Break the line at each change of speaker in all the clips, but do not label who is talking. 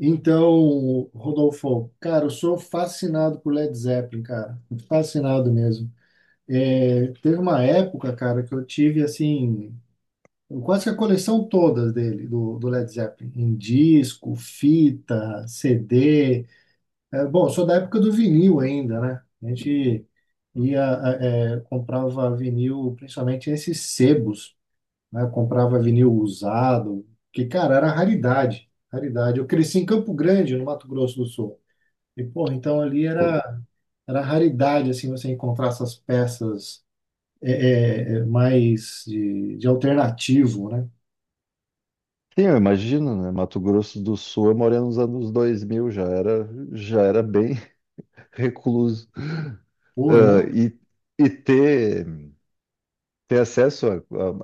Então, Rodolfo, cara, eu sou fascinado por Led Zeppelin, cara. Fascinado mesmo. Teve uma época, cara, que eu tive, assim, quase que a coleção todas dele, do Led Zeppelin, em disco, fita, CD. Bom, eu sou da época do vinil ainda, né? A gente ia, comprava vinil, principalmente nesses sebos, né? Eu comprava vinil usado, que, cara, era raridade, raridade. Eu cresci em Campo Grande, no Mato Grosso do Sul. E, porra, então ali
Pô,
era raridade, assim, você encontrar essas peças é, mais de alternativo, né?
sim, eu imagino, né? Mato Grosso do Sul, eu morei nos anos 2000, já era bem recluso.
Pô,
Ah,
não,
e ter acesso à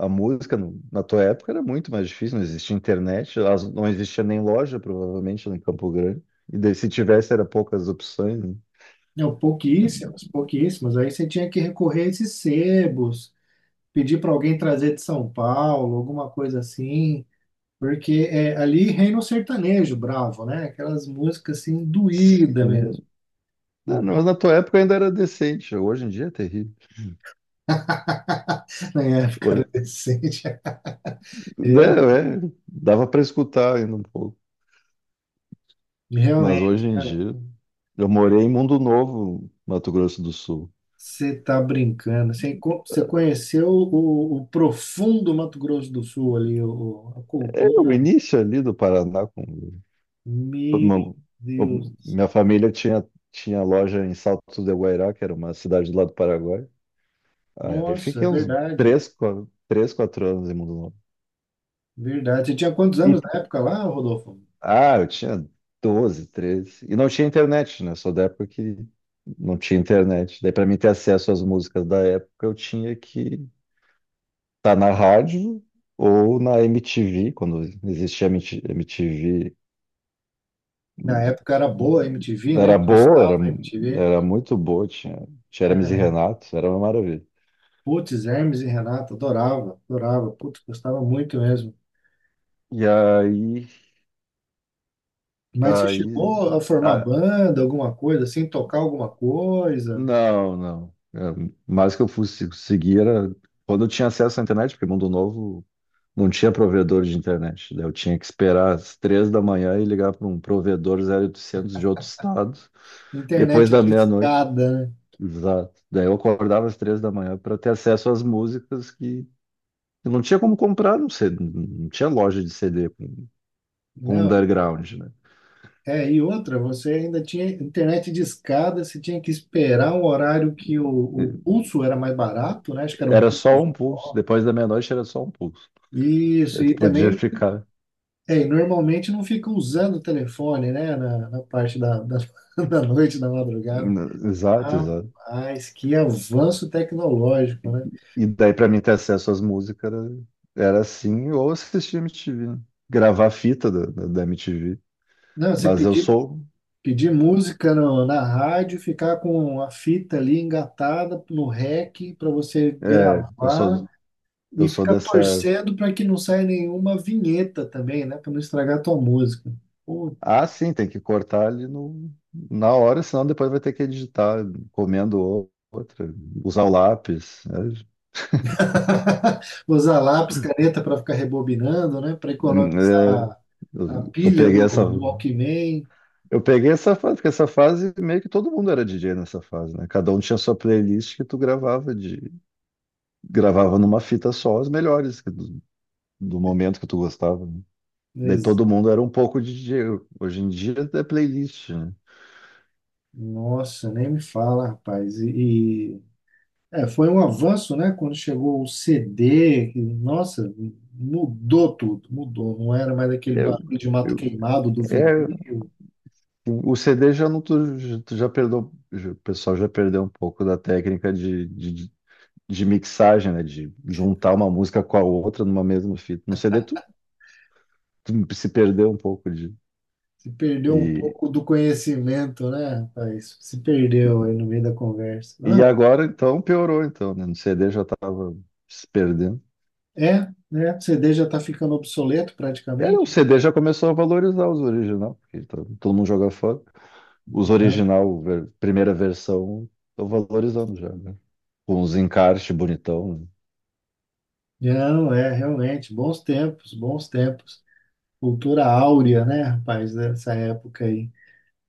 à- à música na tua época era muito mais difícil. Não existia internet, não existia nem loja, provavelmente, né, em Campo Grande. E daí, se tivesse, era poucas opções, né?
não, pouquíssimas, pouquíssimas. Aí você tinha que recorrer a esses sebos, pedir para alguém trazer de São Paulo, alguma coisa assim. Porque ali reina o sertanejo bravo, né? Aquelas músicas assim, doída
Sim.
mesmo.
Não, não, mas na tua época ainda era decente, hoje em dia é terrível.
Na época era
Hoje-
decente. Realmente,
é, dava para escutar ainda um pouco, mas
realmente,
hoje em
realmente.
dia. Eu morei em Mundo Novo, Mato Grosso do Sul.
Você tá brincando. Você conheceu o profundo Mato Grosso do Sul ali, a
É o
cultura.
início ali do Paraná.
Meu
Uma-
Deus do céu.
Minha família tinha loja em Salto de Guairá, que era uma cidade do lado do Paraguai. Aí
Nossa, é
fiquei uns
verdade.
três, 4, três, quatro anos em Mundo Novo.
Verdade. Você tinha quantos
E,
anos na época lá, Rodolfo?
eu tinha 12, 13. E não tinha internet, né? Sou da época que não tinha internet. Daí, para mim ter acesso às músicas da época, eu tinha que estar na rádio ou na MTV, quando existia MTV.
Na época era boa a MTV, né?
Era boa,
Prestava a MTV.
era muito boa, tinha Hermes e
Cara,
Renato, era uma maravilha.
putz, Hermes e Renato, adorava, adorava. Putz, gostava muito mesmo.
E aí,
Mas você
aí,
chegou a formar
ah,
banda, alguma coisa, assim, tocar alguma coisa?
não, não. É, mais que eu fosse seguir era quando eu tinha acesso à internet, porque Mundo Novo não tinha provedor de internet. Daí eu tinha que esperar às 3 da manhã e ligar para um provedor 0800 de outro estado, depois
Internet
da
de
meia-noite.
escada, né?
Exato. Daí eu acordava às 3 da manhã para ter acesso às músicas que eu não tinha como comprar, não sei, não tinha loja de CD com o
Não,
underground, né?
e outra, você ainda tinha internet de escada, você tinha que esperar um horário que o pulso era mais barato, né? Acho que era um
Era só
pulso.
um pulso. Depois da meia-noite era só um pulso.
Isso,
Daí tu
e
podia
também,
ficar,
e normalmente não fica usando o telefone, né? Na parte da noite, da madrugada.
né. Exato, exato.
Rapaz, que avanço tecnológico, né?
E daí pra mim ter acesso às músicas era assim, ou assistir MTV, né? Gravar fita da MTV.
Não, você
Mas eu
pedia
sou.
Pedir música na rádio, ficar com a fita ali engatada no rec para você
É, eu sou.
gravar e
Eu sou
ficar
dessa.
torcendo para que não saia nenhuma vinheta também, né? Para não estragar a tua música. Pô,
Ah, sim, tem que cortar ali no, na hora, senão depois vai ter que editar, comendo outra, usar o lápis, né?
usar lápis, caneta para ficar rebobinando, né? Para
Hum. É,
economizar
eu,
a
eu
pilha
peguei
do,
essa,
do Walkman.
eu peguei essa fase, porque essa fase meio que todo mundo era DJ nessa fase, né? Cada um tinha sua playlist que tu gravava de gravava numa fita só as melhores que do momento que tu gostava, né? Daí
Ex-
todo mundo era um pouco de DJ. Hoje em dia é playlist, né?
Nossa, nem me fala, rapaz. Foi um avanço, né? Quando chegou o CD, que, nossa, mudou tudo, mudou. Não era mais aquele
Eu,
barulho de mato
eu-
queimado do vinil.
é, assim, o CD já não tu, já tu já perdeu, o pessoal já perdeu um pouco da técnica de mixagem, né? De juntar uma música com a outra numa mesma fita. No CD tu se perdeu um pouco de
Se perdeu um
e.
pouco do conhecimento, né, rapaz? Se perdeu aí no meio da conversa. Não,
E agora, então, piorou, então, né? No CD já estava se perdendo.
é, né? O CD já está ficando obsoleto
Era, o
praticamente,
CD já começou a valorizar os original, porque todo mundo joga fora. Os
né?
original, primeira versão, estão valorizando já, né? Com os encartes bonitão, né?
Não, é, realmente, bons tempos, bons tempos. Cultura áurea, né, rapaz, dessa época aí.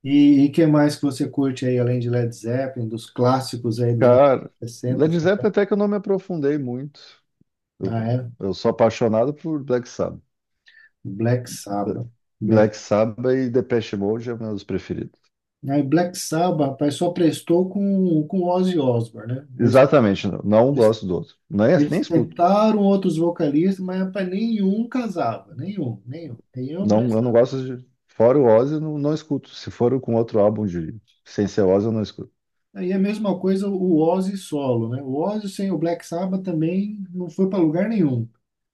O que mais que você curte aí, além de Led Zeppelin, dos clássicos aí dos anos
Cara,
60?
Led Zeppelin até que eu não me aprofundei muito. Eu,
Ah, é?
eu sou apaixonado por Black Sabbath.
Black Sabbath. Black,
Black Sabbath e Depeche Mode é meus preferidos.
aí Black Sabbath, rapaz, só prestou com Ozzy Osbourne, né?
Exatamente, não,
Eles,
gosto do outro. Nem
eles
escuto.
tentaram outros vocalistas, mas, rapaz, nenhum casava. Nenhum, nenhum. Nenhum
Não, eu não
prestava.
gosto de. Fora o Ozzy, eu não escuto. Se for com outro álbum de sem ser Ozzy, eu não escuto.
Aí é a mesma coisa o Ozzy solo, né? O Ozzy sem o Black Sabbath também não foi para lugar nenhum.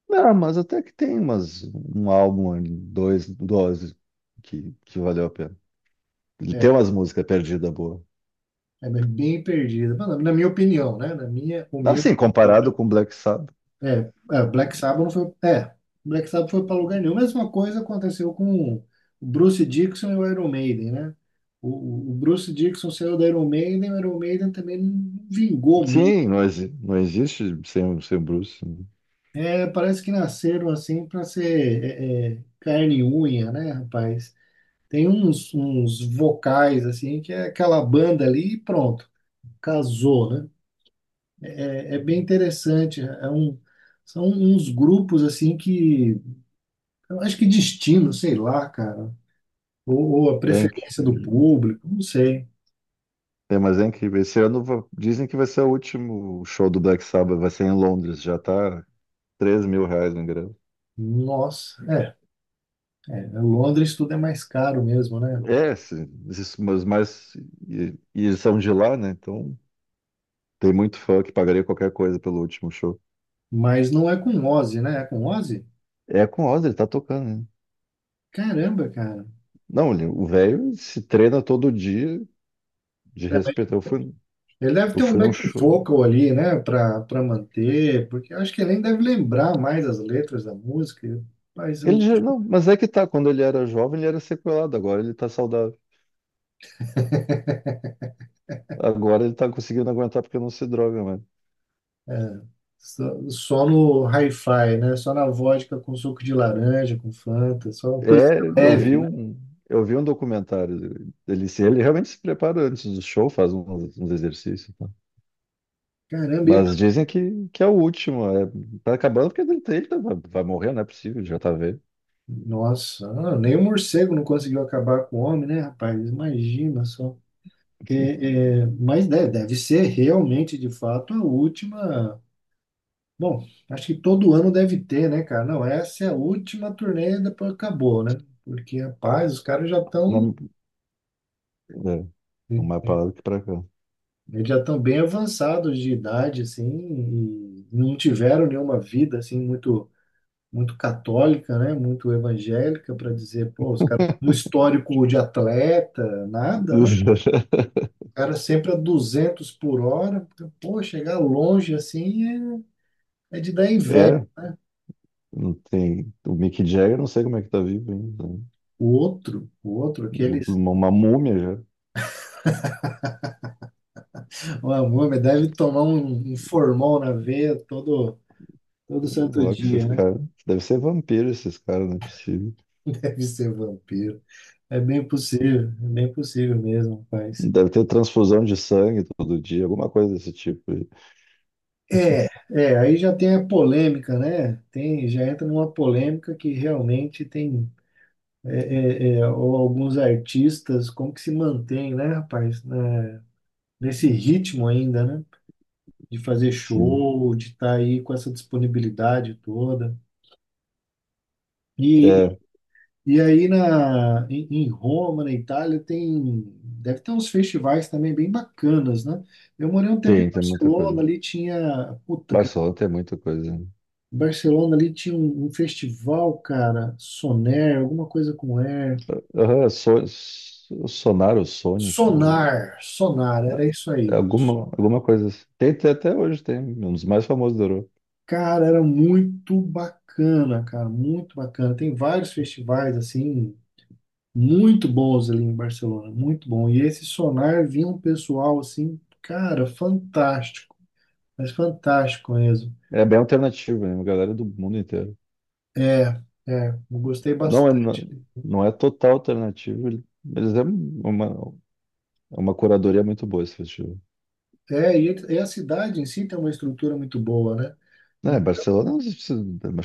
Não, mas até que tem umas, um álbum, ali, dois do Ozzy que valeu a pena. Ele
É,
tem umas músicas perdidas boas.
É bem perdida. Na minha opinião, né? Na minha humilde.
Assim, comparado com Black Sabbath.
É, Black Sabbath não foi. Black Sabbath foi para lugar nenhum. Mesma coisa aconteceu com o Bruce Dickinson e o Iron Maiden, né? Bruce Dickinson saiu da Iron Maiden, o Iron Maiden também não vingou muito.
Sim, não, não existe sem o Bruce, né?
Parece que nasceram assim para ser carne e unha, né, rapaz? Tem uns vocais assim que é aquela banda ali e pronto, casou, né? É bem interessante. São uns grupos assim que eu acho que destino, sei lá, cara. Ou a
É
preferência do
incrível.
público, não sei.
É, mas é incrível. Esse ano dizem que vai ser o último show do Black Sabbath, vai ser em Londres. Já tá R$ 3.000 no ingresso.
Nossa, é, é. Londres tudo é mais caro mesmo, né, pai?
É, esses, mas e, e eles são de lá, né? Então tem muito fã que pagaria qualquer coisa pelo último show.
Mas não é com Ozzy, né? É com Ozzy?
É com o Oz, ele tá tocando, né?
Caramba, cara.
Não, o velho se treina todo dia de
É,
respeito.
Ele deve
Eu
ter um
fui num
back
show.
vocal ali, né, pra manter, porque eu acho que ele nem deve lembrar mais as letras da música, mas eu,
Ele já, não, mas é que tá, quando ele era jovem, ele era sequelado, agora ele tá saudável. Agora ele tá conseguindo aguentar porque não se droga, mano.
é, só no hi-fi, né, só na vodka com suco de laranja, com Fanta, só uma coisa
É,
leve, né?
eu vi um documentário dele. Ele, ele realmente se prepara antes do show, faz uns exercícios.
Caramba, ele
Mas dizem que é o último. É, tá acabando porque ele, vai morrer, não é possível, já tá velho.
Nossa, ah, nem o morcego não conseguiu acabar com o homem, né, rapaz? Imagina só. Mas deve ser realmente, de fato, a última. Bom, acho que todo ano deve ter, né, cara? Não, essa é a última turnê e depois acabou, né? Porque, rapaz, os caras já estão.
Não, é, não mais pra lá do que pra cá.
Eles já estão bem avançados de idade, assim, e não tiveram nenhuma vida, assim, muito muito católica, né? Muito evangélica para dizer, pô, os caras, um histórico de atleta, nada, né? Cara sempre a 200 por hora. Pô, chegar longe assim é de dar inveja.
É, não tem. O Mick Jagger, não sei como é que tá vivo ainda, né?
O outro, aqueles.
Uma múmia já.
O homem deve tomar um formol na veia todo
Sei
santo
lá que esses
dia, né?
caras. Deve ser vampiro esses caras, não é possível.
Deve ser vampiro. É bem possível mesmo, rapaz.
Deve ter transfusão de sangue todo dia, alguma coisa desse tipo aí.
É, Aí já tem a polêmica, né? Tem, já entra numa polêmica que realmente tem ou alguns artistas, como que se mantém, né, rapaz, né, nesse ritmo ainda, né? De fazer
Sim.
show, de estar aí com essa disponibilidade toda. E,
É,
e aí em Roma, na Itália, tem, deve ter uns festivais também bem bacanas, né? Eu morei um tempo em
tem muita coisa.
Barcelona, ali tinha, puta, cara,
Barcelona tem muita coisa, né?
Barcelona ali tinha um festival, cara, Soner, alguma coisa com Air.
Aham, Sonaro, Sônica, ou
Sonar, Sonar, era isso aí.
alguma coisa assim. Tem até hoje, tem um dos mais famosos da Europa.
Cara, era muito bacana, cara, muito bacana. Tem vários festivais assim, muito bons ali em Barcelona, muito bom. E esse Sonar vinha um pessoal assim, cara, fantástico, mas fantástico mesmo.
É bem alternativo, né? Uma galera do mundo inteiro.
É, eu gostei
Não é,
bastante.
não, não é total alternativo, mas é uma curadoria muito boa esse festival.
E a cidade em si tem uma estrutura muito boa, né?
É,
Em-
Barcelona, acho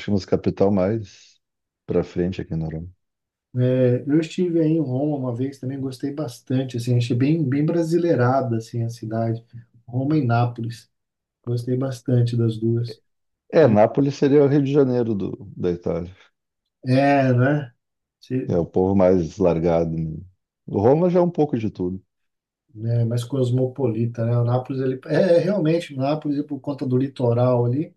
que é uma das capital mais pra frente aqui na Europa.
eu estive aí em Roma uma vez também, gostei bastante, assim, achei bem, bem brasileirada, assim, a cidade. Roma e Nápoles, gostei bastante das duas.
É, Nápoles seria o Rio de Janeiro da Itália.
É, né?
É o povo mais largado, né? O Roma já é um pouco de tudo.
Né, mais cosmopolita, né? O Nápoles, ele, realmente, o Nápoles, por conta do litoral ali,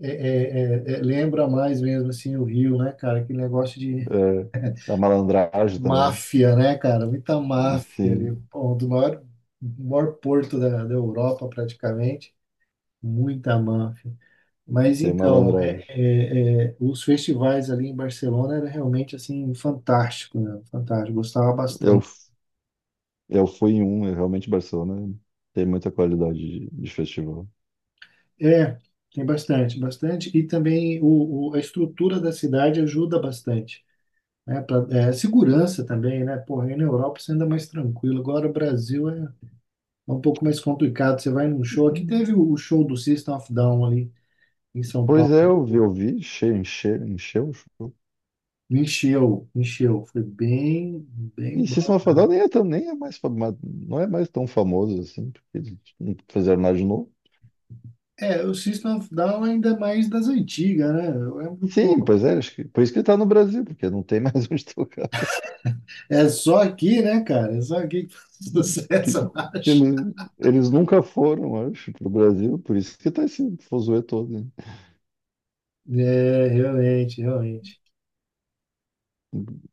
é, é, lembra mais mesmo, assim, o Rio, né, cara? Aquele negócio de
É, a malandragem também.
máfia, né, cara? Muita máfia ali,
Sim,
pô, um do maior, maior porto da Europa, praticamente, muita máfia. Mas
tem
então,
malandragem.
os festivais ali em Barcelona era realmente assim fantástico, né? Fantástico, gostava
Eu,
bastante.
eu fui em um, eu realmente Barcelona tem muita qualidade de festival.
É, tem bastante, bastante. E também a estrutura da cidade ajuda bastante. Né? Segurança também, né? Porra, aí na Europa você anda mais tranquilo. Agora o Brasil é um pouco mais complicado. Você vai num show. Aqui teve o show do System of a Down ali em São
Pois é,
Paulo.
eu vi, encheu, encheu, encheu o show.
Encheu, encheu. Foi bem, bem
E
bom.
System of a Down nem é, tão, nem é mais, não é mais tão famoso assim, porque eles não fizeram nada de novo.
É, o System of a Down ainda é mais das antigas, né? Eu lembro,
Sim,
pô,
pois é, acho que, por isso que ele tá no Brasil, porque não tem mais onde tocar.
é só aqui, né, cara? É só aqui que faz sucesso,
Que- que
eu acho.
Eles nunca foram, acho, pro Brasil, por isso que tá esse fuzuê todo,
É, realmente, realmente.
né?